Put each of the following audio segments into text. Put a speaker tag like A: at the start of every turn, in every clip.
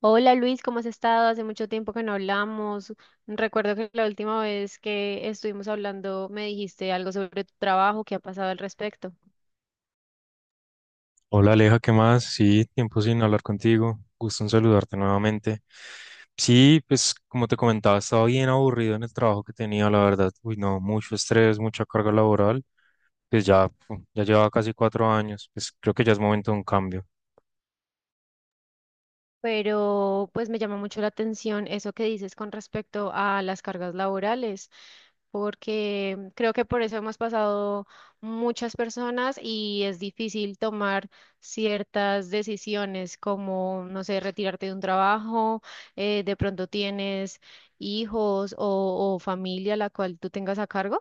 A: Hola Luis, ¿cómo has estado? Hace mucho tiempo que no hablamos. Recuerdo que la última vez que estuvimos hablando me dijiste algo sobre tu trabajo, ¿qué ha pasado al respecto?
B: Hola Aleja, ¿qué más? Sí, tiempo sin hablar contigo. Gusto en saludarte nuevamente. Sí, pues como te comentaba, estaba bien aburrido en el trabajo que tenía, la verdad. Uy, no, mucho estrés, mucha carga laboral. Pues ya llevaba casi 4 años. Pues creo que ya es momento de un cambio.
A: Pero pues me llama mucho la atención eso que dices con respecto a las cargas laborales, porque creo que por eso hemos pasado muchas personas y es difícil tomar ciertas decisiones como, no sé, retirarte de un trabajo, de pronto tienes hijos o familia la cual tú tengas a cargo.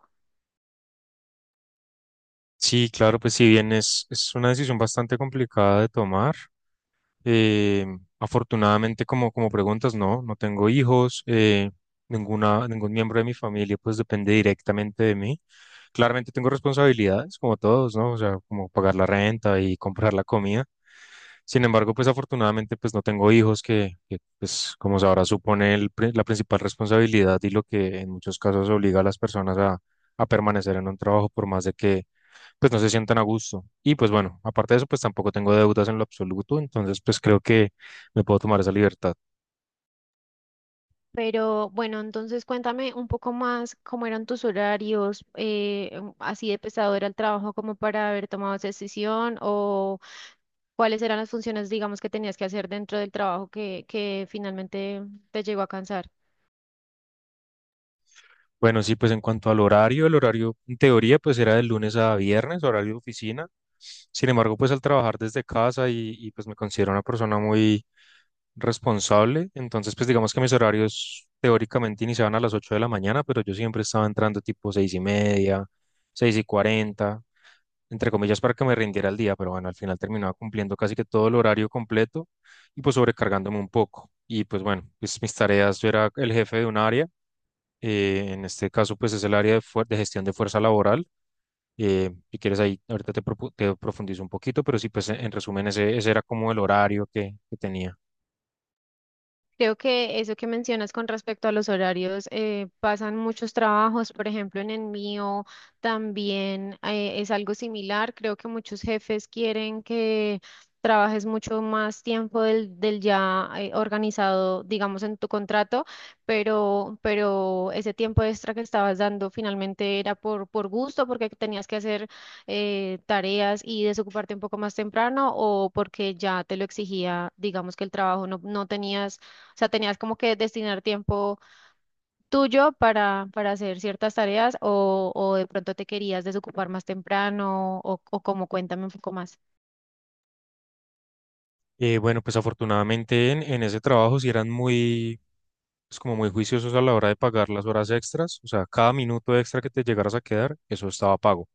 B: Sí, claro, pues si bien es una decisión bastante complicada de tomar. Eh, Afortunadamente, como preguntas, no, no tengo hijos. Ningún miembro de mi familia pues depende directamente de mí. Claramente tengo responsabilidades, como todos, ¿no? O sea, como pagar la renta y comprar la comida. Sin embargo, pues afortunadamente pues no tengo hijos pues como sabrá supone la principal responsabilidad y lo que en muchos casos obliga a las personas a permanecer en un trabajo por más de que pues no se sientan a gusto. Y pues bueno, aparte de eso, pues tampoco tengo deudas en lo absoluto, entonces pues creo que me puedo tomar esa libertad.
A: Pero bueno, entonces cuéntame un poco más cómo eran tus horarios, así de pesado era el trabajo como para haber tomado esa decisión o cuáles eran las funciones, digamos, que tenías que hacer dentro del trabajo que finalmente te llegó a cansar.
B: Bueno, sí, pues en cuanto al horario, el horario en teoría pues era de lunes a viernes, horario de oficina. Sin embargo, pues al trabajar desde casa y pues me considero una persona muy responsable, entonces pues digamos que mis horarios teóricamente iniciaban a las 8 de la mañana, pero yo siempre estaba entrando tipo 6 y media, 6:40 entre comillas, para que me rindiera el día, pero bueno, al final terminaba cumpliendo casi que todo el horario completo y pues sobrecargándome un poco. Y pues bueno, pues mis tareas, yo era el jefe de un área. En este caso pues es el área de gestión de fuerza laboral. Si quieres ahí, ahorita te profundizo un poquito, pero sí, pues en resumen, ese era como el horario que tenía.
A: Creo que eso que mencionas con respecto a los horarios, pasan muchos trabajos, por ejemplo, en el mío también es algo similar. Creo que muchos jefes quieren que trabajes mucho más tiempo del ya organizado, digamos, en tu contrato, pero ese tiempo extra que estabas dando finalmente era por gusto, porque tenías que hacer tareas y desocuparte un poco más temprano o porque ya te lo exigía, digamos, que el trabajo no tenías, o sea, tenías como que destinar tiempo tuyo para hacer ciertas tareas o de pronto te querías desocupar más temprano o como cuéntame un poco más.
B: Bueno, pues afortunadamente en ese trabajo sí eran muy, pues como muy juiciosos a la hora de pagar las horas extras. O sea, cada minuto extra que te llegaras a quedar, eso estaba pago.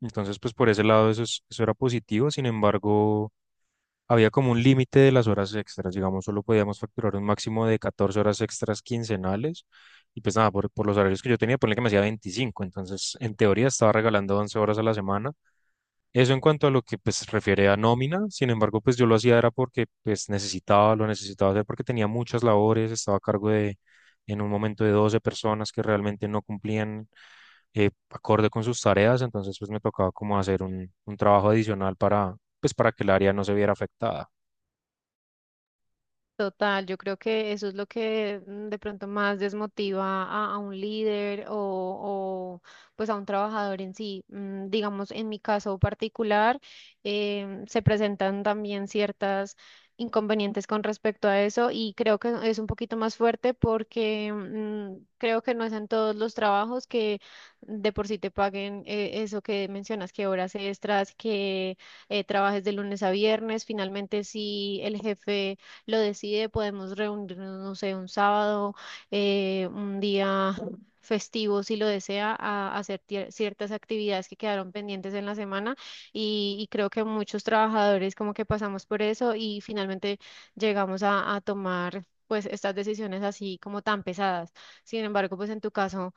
B: Entonces, pues por ese lado eso era positivo. Sin embargo, había como un límite de las horas extras. Digamos, solo podíamos facturar un máximo de 14 horas extras quincenales y pues nada, por los horarios que yo tenía, ponle que me hacía 25, entonces en teoría estaba regalando 11 horas a la semana, eso en cuanto a lo que pues refiere a nómina. Sin embargo, pues yo lo hacía era porque pues necesitaba, lo necesitaba hacer porque tenía muchas labores, estaba a cargo de en un momento de 12 personas que realmente no cumplían acorde con sus tareas. Entonces pues me tocaba como hacer un trabajo adicional para pues para que el área no se viera afectada.
A: Total, yo creo que eso es lo que de pronto más desmotiva a un líder o, pues a un trabajador en sí. Digamos, en mi caso particular, se presentan también ciertas inconvenientes con respecto a eso y creo que es un poquito más fuerte porque creo que no es en todos los trabajos que de por sí te paguen, eso que mencionas, que horas extras, que trabajes de lunes a viernes. Finalmente, si el jefe lo decide, podemos reunirnos, no sé, un sábado, un día festivo, si lo desea, a hacer ciertas actividades que quedaron pendientes en la semana y creo que muchos trabajadores como que pasamos por eso y finalmente llegamos a tomar pues estas decisiones así como tan pesadas. Sin embargo, pues en tu caso,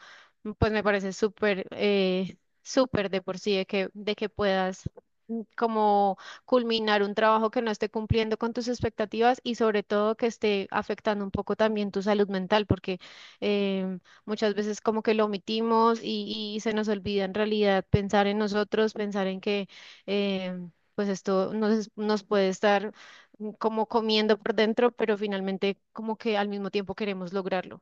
A: pues me parece súper, súper de por sí de de que puedas, como culminar un trabajo que no esté cumpliendo con tus expectativas y sobre todo que esté afectando un poco también tu salud mental, porque muchas veces como que lo omitimos y se nos olvida en realidad pensar en nosotros, pensar en que pues esto nos puede estar, como comiendo por dentro, pero finalmente como que al mismo tiempo queremos lograrlo.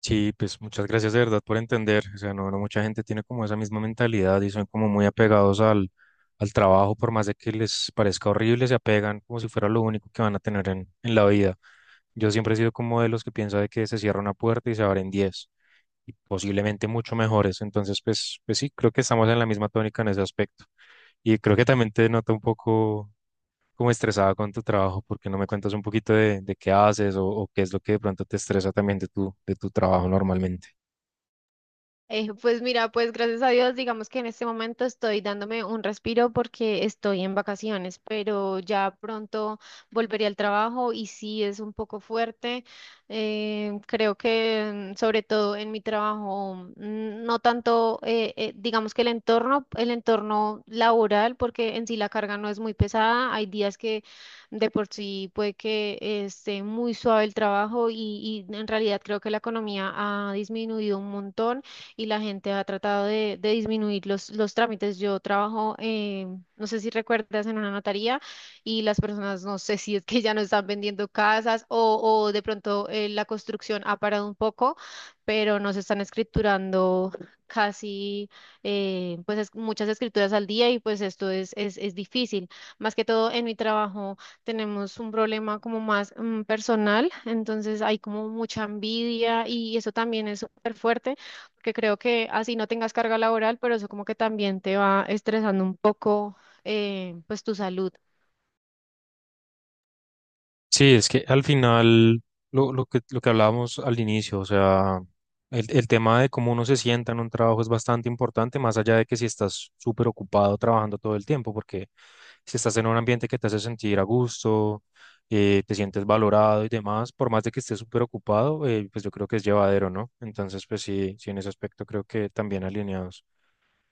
B: Sí, pues muchas gracias de verdad por entender. O sea, no, mucha gente tiene como esa misma mentalidad y son como muy apegados al trabajo, por más de que les parezca horrible, se apegan como si fuera lo único que van a tener en la vida. Yo siempre he sido como de los que piensa de que se cierra una puerta y se abren 10, y posiblemente mucho mejores. Entonces, pues sí, creo que estamos en la misma tónica en ese aspecto. Y creo que también te nota un poco como estresada con tu trabajo. ¿Por qué no me cuentas un poquito de qué haces o qué es lo que de pronto te estresa también de tu trabajo normalmente?
A: Pues mira, pues gracias a Dios, digamos que en este momento estoy dándome un respiro porque estoy en vacaciones, pero ya pronto volveré al trabajo y sí es un poco fuerte. Creo que sobre todo en mi trabajo, no tanto, digamos que el entorno laboral, porque en sí la carga no es muy pesada. Hay días que de por sí puede que esté muy suave el trabajo y en realidad creo que la economía ha disminuido un montón y la gente ha tratado de disminuir los trámites. Yo trabajo, no sé si recuerdas, en una notaría y las personas, no sé si es que ya no están vendiendo casas o de pronto la construcción ha parado un poco, pero no se están escriturando casi, pues muchas escrituras al día y pues esto es difícil. Más que todo en mi trabajo tenemos un problema como más, personal, entonces hay como mucha envidia y eso también es súper fuerte porque creo que así no tengas carga laboral, pero eso como que también te va estresando un poco, pues tu salud.
B: Sí, es que al final, lo que hablábamos al inicio, o sea, el tema de cómo uno se sienta en un trabajo es bastante importante, más allá de que si estás súper ocupado trabajando todo el tiempo, porque si estás en un ambiente que te hace sentir a gusto, te sientes valorado y demás, por más de que estés súper ocupado, pues yo creo que es llevadero, ¿no? Entonces, pues sí, sí, en ese aspecto creo que también alineados.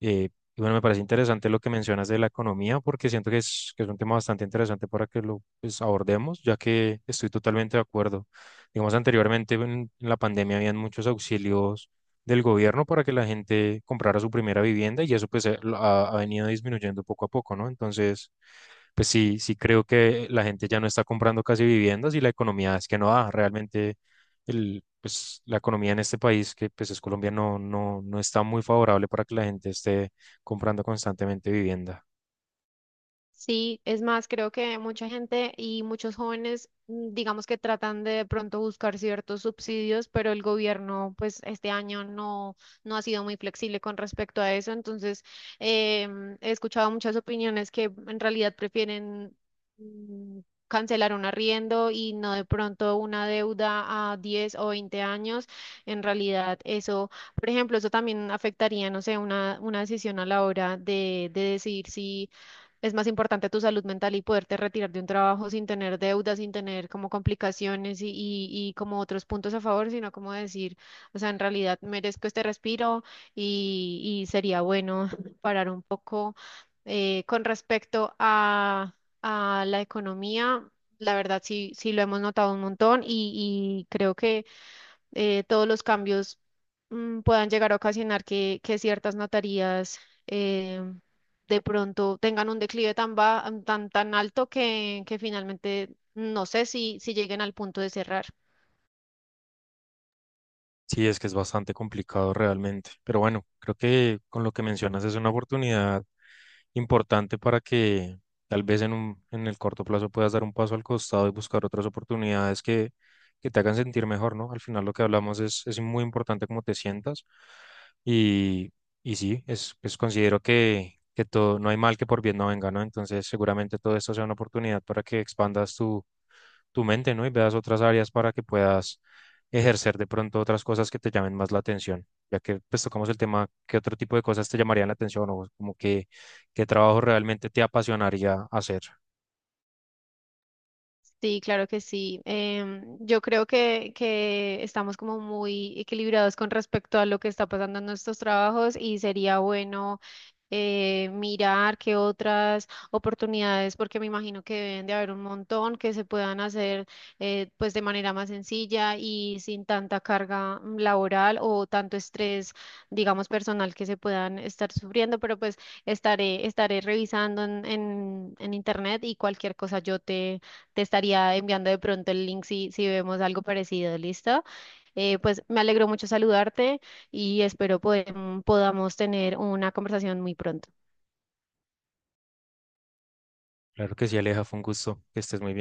B: Eh, y bueno, me parece interesante lo que mencionas de la economía, porque siento que que es un tema bastante interesante para que lo pues, abordemos, ya que estoy totalmente de acuerdo. Digamos, anteriormente en la pandemia habían muchos auxilios del gobierno para que la gente comprara su primera vivienda, y eso pues ha venido disminuyendo poco a poco, ¿no? Entonces, pues sí, creo que la gente ya no está comprando casi viviendas y la economía es que no da realmente la economía en este país, que pues es Colombia, no, no está muy favorable para que la gente esté comprando constantemente vivienda.
A: Sí, es más, creo que mucha gente y muchos jóvenes, digamos que tratan de pronto buscar ciertos subsidios, pero el gobierno, pues este año no ha sido muy flexible con respecto a eso. Entonces, he escuchado muchas opiniones que en realidad prefieren, mm, cancelar un arriendo y no de pronto una deuda a 10 o 20 años. En realidad, eso... Por ejemplo, eso también afectaría, no sé, una decisión a la hora de decidir si es más importante tu salud mental y poderte retirar de un trabajo sin tener deudas, sin tener como complicaciones y como otros puntos a favor, sino como decir, o sea, en realidad merezco este respiro y sería bueno parar un poco, con respecto a la economía. La verdad sí, sí lo hemos notado un montón y creo que todos los cambios puedan llegar a ocasionar que ciertas notarías eh, de pronto tengan un declive tan, ba- mm, tan, tan alto que finalmente no sé si, si lleguen al punto de cerrar.
B: Sí, es que es bastante complicado realmente, pero bueno, creo que con lo que mencionas es una oportunidad importante para que tal vez en el corto plazo puedas dar un paso al costado y buscar otras oportunidades que te hagan sentir mejor, ¿no? Al final lo que hablamos es muy importante cómo te sientas, y, y sí, es considero que todo, no hay mal que por bien no venga, ¿no? Entonces seguramente todo esto sea una oportunidad para que expandas tu mente, ¿no? Y veas otras áreas para que puedas ejercer de pronto otras cosas que te llamen más la atención, ya que pues tocamos el tema, ¿qué otro tipo de cosas te llamarían la atención o como que qué trabajo realmente te apasionaría hacer?
A: Sí, claro que sí. Yo creo que estamos como muy equilibrados con respecto a lo que está pasando en nuestros trabajos y sería bueno, mirar qué otras oportunidades, porque me imagino que deben de haber un montón que se puedan hacer, pues de manera más sencilla y sin tanta carga, laboral o tanto estrés, digamos, personal que se puedan estar sufriendo, pero pues estaré revisando en, en internet y cualquier cosa yo te, te estaría enviando de pronto el link si vemos algo parecido, ¿listo? Pues me alegró mucho saludarte y espero podamos tener una conversación muy pronto.
B: Claro que sí, Aleja, fue un gusto, que estés muy bien.